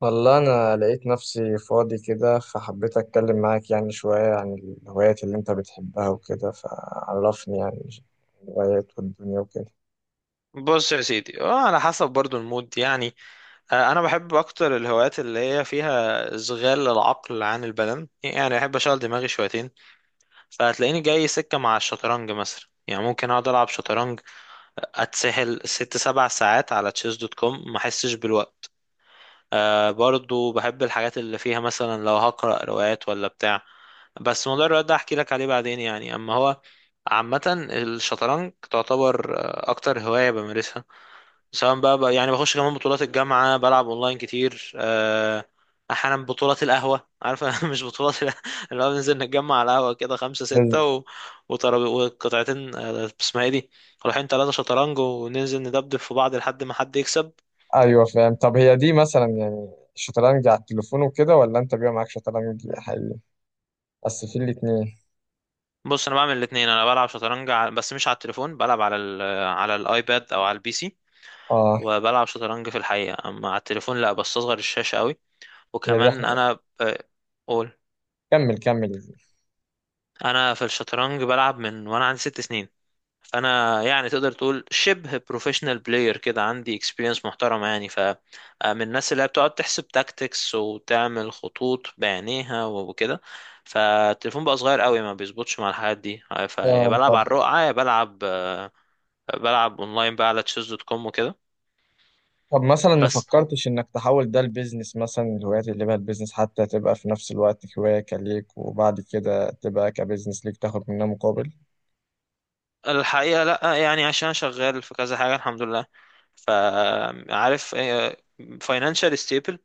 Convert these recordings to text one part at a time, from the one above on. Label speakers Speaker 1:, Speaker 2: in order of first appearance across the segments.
Speaker 1: والله أنا لقيت نفسي فاضي كده، فحبيت أتكلم معاك يعني شوية عن الهوايات اللي أنت بتحبها وكده. فعرفني يعني الهوايات والدنيا وكده.
Speaker 2: بص يا سيدي، على حسب برضو المود يعني. انا بحب اكتر الهوايات اللي هي فيها اشغال العقل عن البدن، يعني احب اشغل دماغي شويتين. فهتلاقيني جاي سكة مع الشطرنج مثلا، يعني ممكن اقعد العب شطرنج، اتسحل 6 7 ساعات على تشيس دوت كوم ما احسش بالوقت. برضو بحب الحاجات اللي فيها مثلا لو هقرأ روايات ولا بتاع، بس موضوع الروايات ده احكي لك عليه بعدين يعني. اما هو عامة الشطرنج تعتبر اكتر هواية بمارسها، سواء بقى، يعني بخش كمان بطولات الجامعة، بلعب اونلاين كتير. احيانا بطولات القهوة، عارفة؟ مش بطولات اللي هو بننزل نتجمع على القهوة كده خمسة ستة
Speaker 1: بس-
Speaker 2: و... وطرب... وقطعتين، اسمها ايه دي، رايحين ثلاثة شطرنج وننزل ندبدب في بعض لحد ما حد يكسب.
Speaker 1: أيوة، فاهم. طب هي دي مثلا يعني شطرنج على التليفون وكده، ولا أنت بيبقى معاك شطرنج حقيقي؟ بس في الاتنين.
Speaker 2: بص انا بعمل الاتنين، انا بلعب شطرنج بس مش على التليفون، بلعب على الايباد او على البي سي،
Speaker 1: آه،
Speaker 2: وبلعب شطرنج في الحقيقة. اما على التليفون لا، بستصغر الشاشة قوي.
Speaker 1: هي دي
Speaker 2: وكمان
Speaker 1: حقيقة.
Speaker 2: انا قول.
Speaker 1: كمل كمل.
Speaker 2: انا في الشطرنج بلعب من وانا عندي 6 سنين، فانا يعني تقدر تقول شبه بروفيشنال بلاير كده، عندي اكسبيرينس محترمه يعني. ف من الناس اللي هي بتقعد تحسب تاكتكس وتعمل خطوط بعينيها وكده، فالتليفون بقى صغير قوي ما بيظبطش مع الحاجات دي. فيا بلعب
Speaker 1: طب
Speaker 2: على الرقعه، يا بلعب بلعب اونلاين بقى على تشيز دوت كوم وكده.
Speaker 1: طب مثلا ما
Speaker 2: بس
Speaker 1: فكرتش إنك تحول ده لبيزنس؟ مثلا الهوايات اللي بقى البيزنس، حتى تبقى في نفس الوقت هواية ليك، وبعد كده تبقى كبيزنس ليك تاخد منها مقابل.
Speaker 2: الحقيقه لا، يعني عشان شغال في كذا حاجه الحمد لله، فعارف، فاينانشال ستيبل.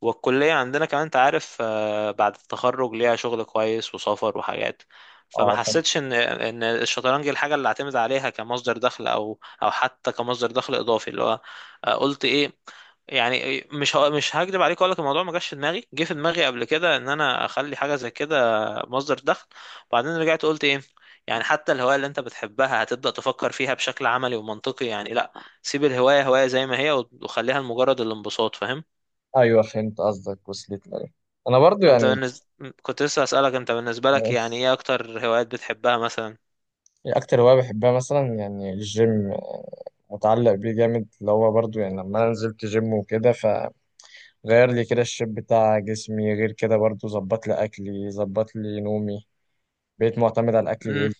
Speaker 2: والكلية عندنا كمان انت عارف، بعد التخرج ليها شغل كويس وسفر وحاجات، فما
Speaker 1: اه، فهمت.
Speaker 2: حسيتش ان الشطرنج الحاجة اللي اعتمد عليها كمصدر دخل، او حتى كمصدر دخل اضافي، اللي هو قلت ايه. يعني مش هكدب عليك، اقول لك الموضوع ما جاش في دماغي، جه في دماغي قبل كده ان انا اخلي حاجه زي كده مصدر دخل، وبعدين رجعت قلت ايه، يعني حتى الهوايه اللي انت بتحبها هتبدا تفكر فيها بشكل عملي ومنطقي؟ يعني لا، سيب الهوايه هوايه زي ما هي، وخليها لمجرد الانبساط، فاهم؟
Speaker 1: ايوه فهمت قصدك، وصلت لي. انا برضو
Speaker 2: انت
Speaker 1: يعني
Speaker 2: بالنسبة، كنت لسه اسألك انت بالنسبة لك يعني ايه اكتر هوايات بتحبها مثلا؟
Speaker 1: اكتر هوايه بحبها مثلا يعني الجيم، متعلق بيه جامد، اللي هو برضو يعني لما انا نزلت جيم وكده، فغير لي كده الشيب بتاع جسمي، غير كده برضو ظبط لي اكلي، ظبط لي نومي، بقيت معتمد على الاكل
Speaker 2: امم.
Speaker 1: الهيلثي،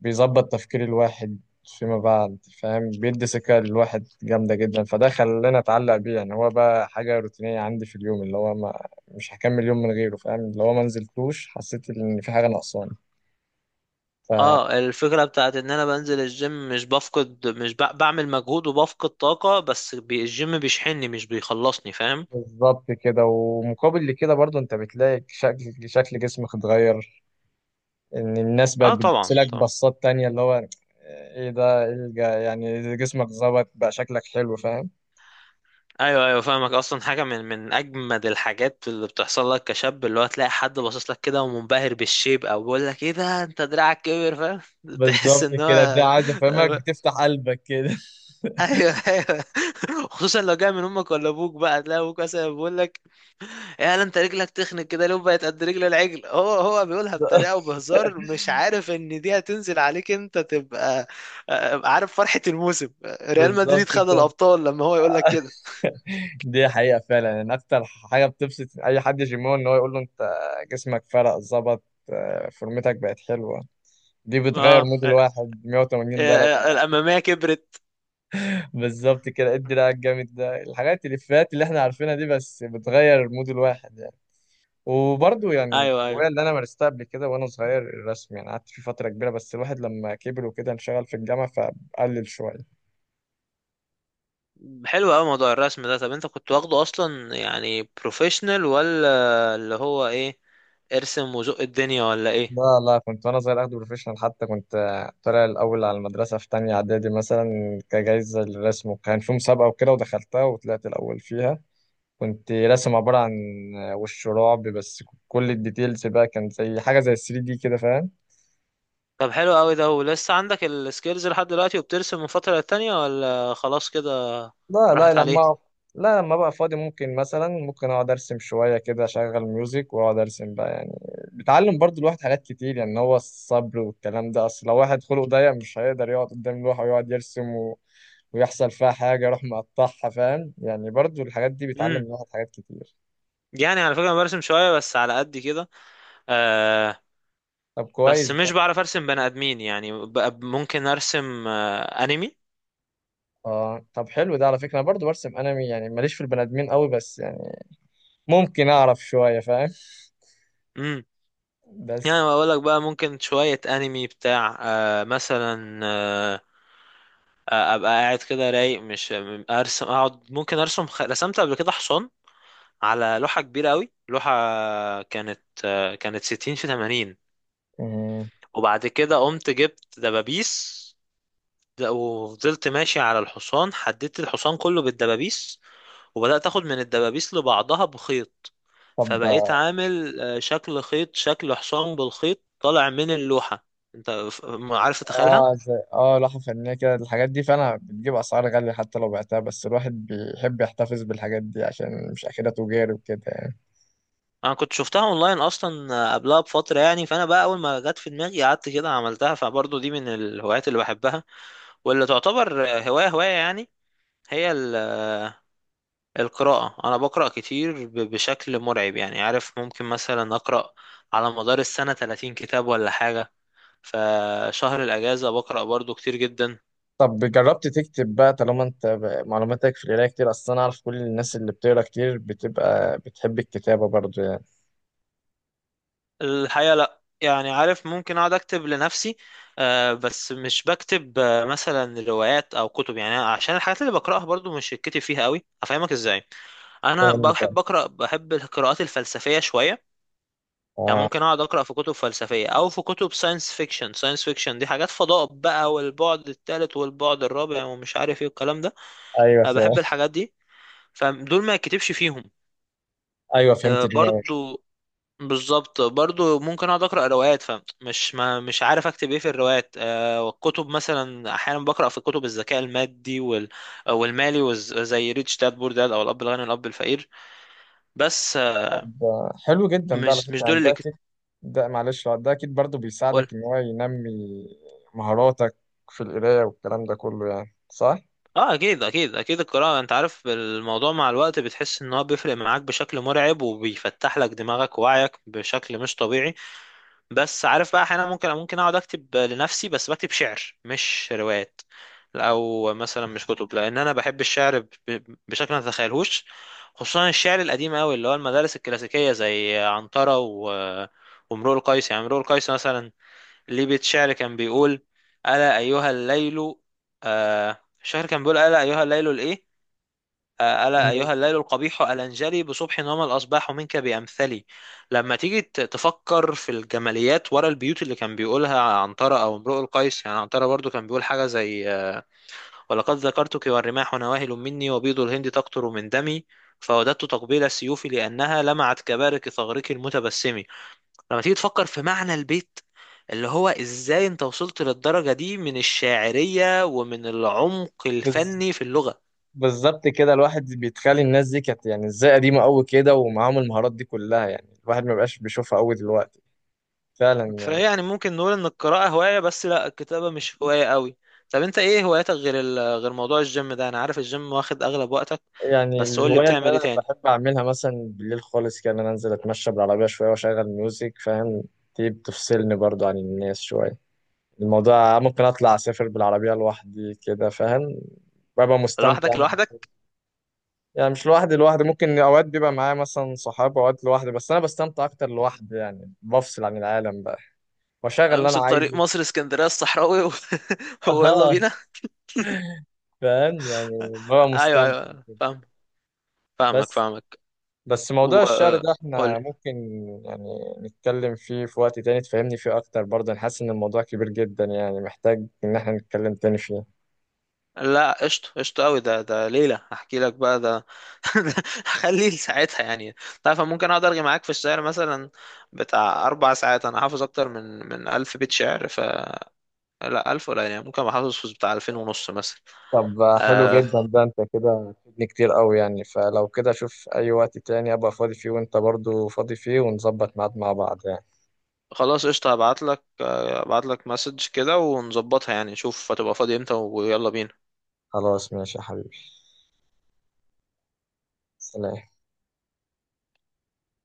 Speaker 1: بيظبط تفكير الواحد فيما بعد. فاهم، بيدي سكة للواحد جامدة جدا، فده خلاني أتعلق بيه، يعني هو بقى حاجة روتينية عندي في اليوم، اللي هو ما مش هكمل يوم من غيره. فاهم، لو ما نزلتوش حسيت إن في حاجة ناقصاني. ف
Speaker 2: اه، الفكرة بتاعت ان انا بنزل الجيم مش بفقد، مش ب... بعمل مجهود وبفقد طاقة، بس الجيم بيشحنني مش بيخلصني، فاهم؟
Speaker 1: بالظبط كده، ومقابل لكده برضو انت بتلاقي شكل جسمك اتغير، ان الناس بقت
Speaker 2: اه طبعا
Speaker 1: بتبصلك
Speaker 2: طبعا.
Speaker 1: بصات تانية، اللي هو ايه ده، ايه يعني جسمك ظبط بقى، شكلك حلو. فاهم،
Speaker 2: ايوه ايوه فاهمك. اصلا حاجة من اجمد الحاجات اللي بتحصل لك كشاب، اللي هو تلاقي حد باصص لك كده ومنبهر بالشيب، او بيقول لك ايه ده انت دراعك كبر، فاهم؟ تحس
Speaker 1: بالظبط
Speaker 2: ان
Speaker 1: كده. ده
Speaker 2: هو،
Speaker 1: عايز افهمك بتفتح قلبك كده.
Speaker 2: ايوه ايوه. خصوصا لو جاي من امك ولا ابوك، بقى تلاقي ابوك مثلا بيقول لك يا انت، رجلك تخنق كده ليه بقت قد رجل العجل؟ هو هو بيقولها بطريقه وبهزار، مش عارف ان دي هتنزل عليك انت تبقى عارف فرحه الموسم، ريال
Speaker 1: بالظبط
Speaker 2: مدريد خد
Speaker 1: كده،
Speaker 2: الابطال لما هو يقول لك كده.
Speaker 1: دي حقيقة فعلا ان اكتر حاجة بتبسط اي حد جيمون ان هو يقول له انت جسمك فرق ظبط، فورمتك بقت حلوة. دي بتغير
Speaker 2: اه،
Speaker 1: مود الواحد 180 درجة.
Speaker 2: الاماميه كبرت.
Speaker 1: بالظبط كده، ادي رأيك جامد ده، الحاجات الإفيهات اللي احنا عارفينها دي بس بتغير مود الواحد يعني. وبرضه يعني
Speaker 2: ايوه ايوه،
Speaker 1: الهواية اللي أنا مارستها قبل كده وأنا صغير الرسم، يعني قعدت فيه فترة كبيرة، بس الواحد لما كبر وكده انشغل في الجامعة، فقلل شوية.
Speaker 2: حلو قوي موضوع الرسم ده. طب انت كنت واخده اصلا يعني بروفيشنال، ولا اللي هو ايه، ارسم وزق الدنيا ولا ايه؟
Speaker 1: لا لا، كنت وانا صغير اخده بروفيشنال، حتى كنت طالع الاول على المدرسه في تانية اعدادي، مثلا كجايزه للرسم، وكان في مسابقه وكده، ودخلتها وطلعت الاول فيها. كنت راسم عباره عن وش رعب، بس كل الديتيلز بقى كان زي حاجه زي 3D كده. فاهم،
Speaker 2: طب حلو قوي ده، ولسه عندك السكيلز لحد دلوقتي وبترسم من فترة للتانية، ولا خلاص كده
Speaker 1: لا لا،
Speaker 2: راحت عليه؟
Speaker 1: لا لما بقى فاضي ممكن، مثلا ممكن اقعد ارسم شويه كده، اشغل ميوزك واقعد ارسم بقى يعني. بتعلم برضو الواحد حاجات كتير، يعني هو الصبر والكلام ده، اصل لو واحد خلقه ضيق مش هيقدر يقعد قدام لوحه ويقعد يرسم، ويحصل فيها حاجة أروح مقطعها. فاهم يعني؟ برضو الحاجات دي بتعلم
Speaker 2: امم.
Speaker 1: الواحد حاجات كتير.
Speaker 2: يعني على فكرة أنا برسم شوية بس على قد كده. آه،
Speaker 1: طب
Speaker 2: بس
Speaker 1: كويس
Speaker 2: مش
Speaker 1: ده.
Speaker 2: بعرف ارسم بني ادمين، يعني ممكن ارسم انمي.
Speaker 1: طب حلو ده، على فكرة أنا برضو برسم أنمي، يعني ماليش في البني آدمين قوي، بس يعني ممكن أعرف شوية. فاهم،
Speaker 2: امم، يعني
Speaker 1: بس
Speaker 2: بقول لك بقى ممكن شوية انمي بتاع آه مثلا آه آه، ابقى قاعد كده رايق، مش ارسم، اقعد ممكن ارسم رسمت قبل كده حصان على لوحة كبيرة قوي، لوحة كانت 60 في 80.
Speaker 1: مم.
Speaker 2: وبعد كده قمت جبت دبابيس، وفضلت ماشي على الحصان، حددت الحصان كله بالدبابيس، وبدأت اخد من الدبابيس لبعضها بخيط،
Speaker 1: طب
Speaker 2: فبقيت عامل شكل خيط، شكل حصان بالخيط طالع من اللوحة. انت ف- عارف تتخيلها؟
Speaker 1: زي لوحة فنية كده، الحاجات دي فعلا بتجيب أسعار غالية، حتى لو بعتها، بس الواحد بيحب يحتفظ بالحاجات دي عشان مش آخرها تجاري وكده يعني.
Speaker 2: انا كنت شفتها اونلاين اصلا قبلها بفترة يعني، فانا بقى اول ما جت في دماغي قعدت كده عملتها. فبرضه دي من الهوايات اللي بحبها، واللي تعتبر هواية هواية يعني. هي القراءة، أنا بقرأ كتير بشكل مرعب يعني، عارف ممكن مثلا أقرأ على مدار السنة 30 كتاب ولا حاجة، فشهر الأجازة بقرأ برضو كتير جدا.
Speaker 1: طب جربت تكتب بقى؟ طالما انت معلوماتك في القرايه كتير، اصل انا اعرف كل الناس اللي بتقرا كتير بتبقى بتحب الكتابه برضو يعني.
Speaker 2: الحقيقة لأ، يعني عارف ممكن أقعد أكتب لنفسي، بس مش بكتب مثلا روايات أو كتب، يعني عشان الحاجات اللي بقرأها برضو مش الكتب فيها قوي. أفهمك إزاي، أنا
Speaker 1: فاهم فاهم.
Speaker 2: بحب أقرأ، بحب القراءات الفلسفية شوية، يعني
Speaker 1: آه
Speaker 2: ممكن اقعد اقرا في كتب فلسفيه، او في كتب ساينس فيكشن. ساينس فيكشن دي حاجات فضاء بقى، والبعد الثالث والبعد الرابع ومش عارف ايه والكلام ده.
Speaker 1: ايوه
Speaker 2: أه
Speaker 1: فاهم.
Speaker 2: بحب الحاجات دي، فدول ما يتكتبش فيهم.
Speaker 1: ايوه
Speaker 2: أه
Speaker 1: فهمت دماغك.
Speaker 2: برضو، بالظبط، برضو ممكن اقعد اقرا روايات فمش، ما مش عارف اكتب ايه في الروايات. أه والكتب مثلا احيانا بقرا في كتب الذكاء المادي وال والمالي، زي ريتش داد بور داد، او الاب الغني والاب الفقير. بس أه،
Speaker 1: طب حلو جدا ده، على
Speaker 2: مش
Speaker 1: فكره
Speaker 2: دول
Speaker 1: يعني
Speaker 2: اللي
Speaker 1: ده اكيد. ده معلش، لا، ده اكيد برضو
Speaker 2: كتب.
Speaker 1: بيساعدك ان هو ينمي مهاراتك في القرايه والكلام ده كله، يعني صح؟
Speaker 2: اه اكيد اكيد اكيد، القراءة انت عارف الموضوع مع الوقت بتحس ان هو بيفرق معاك بشكل مرعب، وبيفتح لك دماغك ووعيك بشكل مش طبيعي. بس عارف بقى، احيانا ممكن اقعد اكتب لنفسي، بس بكتب شعر مش روايات، او مثلا مش كتب، لان انا بحب الشعر بشكل ما تتخيلهوش، خصوصا الشعر القديم قوي، اللي هو المدارس الكلاسيكية زي عنترة و وامرؤ القيس. يعني امرؤ القيس مثلا ليه بيت شعر كان بيقول ألا أيها الليل، شعر كان بيقول ألا أيها الليل الإيه، آه، ألا أيها الليل القبيح ألنجلي، بصبح وما الأصباح منك بأمثلي. لما تيجي تفكر في الجماليات ورا البيوت اللي كان بيقولها عنترة أو امرؤ القيس، يعني عنترة برضو كان بيقول حاجة زي ولقد ذكرتك والرماح نواهل مني، وبيض الهند تقطر من دمي، فوددت تقبيل سيوفي لأنها لمعت كبارق ثغرك المتبسم. لما تيجي تفكر في معنى البيت، اللي هو ازاي انت وصلت للدرجة دي من الشاعرية ومن العمق
Speaker 1: بز...
Speaker 2: الفني في اللغة.
Speaker 1: بالظبط كده، الواحد بيتخيل الناس دي كانت يعني ازاي قديمه قوي كده، ومعاهم المهارات دي كلها، يعني الواحد ما بقاش بيشوفها قوي دلوقتي، فعلا يعني.
Speaker 2: فيعني ممكن نقول ان القراءة هواية، بس لا الكتابة مش هواية قوي. طب انت ايه هواياتك غير غير موضوع الجيم ده؟ انا عارف الجيم واخد اغلب وقتك،
Speaker 1: يعني
Speaker 2: بس قول لي
Speaker 1: الهواية اللي
Speaker 2: بتعمل ايه
Speaker 1: أنا
Speaker 2: تاني؟
Speaker 1: بحب أعملها مثلا بالليل خالص كده، إن أنا أنزل أتمشى بالعربية شوية وأشغل ميوزك. فاهم، دي بتفصلني برضو عن الناس شوية. الموضوع ممكن أطلع أسافر بالعربية لوحدي كده. فاهم، ببقى مستمتع.
Speaker 2: لوحدك لوحدك،
Speaker 1: يعني مش لوحدي لوحدي، ممكن أوقات بيبقى معايا مثلا صحاب، أوقات لوحدي، بس أنا بستمتع أكتر لوحدي يعني، بفصل عن العالم بقى وأشغل اللي أنا
Speaker 2: امسك طريق
Speaker 1: عايزه.
Speaker 2: مصر اسكندرية الصحراوي و...
Speaker 1: أها.
Speaker 2: ويلا بينا.
Speaker 1: فاهم يعني؟ ببقى
Speaker 2: ايوه
Speaker 1: مستمتع
Speaker 2: ايوه
Speaker 1: كده.
Speaker 2: فاهم، فاهمك
Speaker 1: بس
Speaker 2: فاهمك.
Speaker 1: بس موضوع الشعر ده احنا
Speaker 2: وقول.
Speaker 1: ممكن يعني نتكلم فيه في وقت تاني، تفهمني فيه اكتر. برضه انا حاسس ان الموضوع كبير جدا يعني، محتاج ان احنا نتكلم تاني فيه.
Speaker 2: لا قشطة، قشطة قوي ده، ده ليلة هحكي لك بقى ده، ده هخليه لساعتها يعني. تعرف أنا ممكن اقعد ارغي معاك في الشعر مثلا بتاع 4 ساعات، انا حافظ اكتر من 1000 بيت شعر، ف لا الف ولا، يعني ممكن ابقى حافظ في بتاع 2500 مثلا.
Speaker 1: طب حلو
Speaker 2: آه،
Speaker 1: جدا ده، انت كده فدني كتير قوي يعني. فلو كده، شوف اي وقت تاني ابقى فاضي فيه وانت برضه فاضي فيه، ونظبط ميعاد مع بعض يعني.
Speaker 2: خلاص قشطة، هبعت لك مسج كده ونظبطها، يعني شوف هتبقى فاضي امتى ويلا بينا.
Speaker 1: خلاص ماشي يا حبيبي. سلام.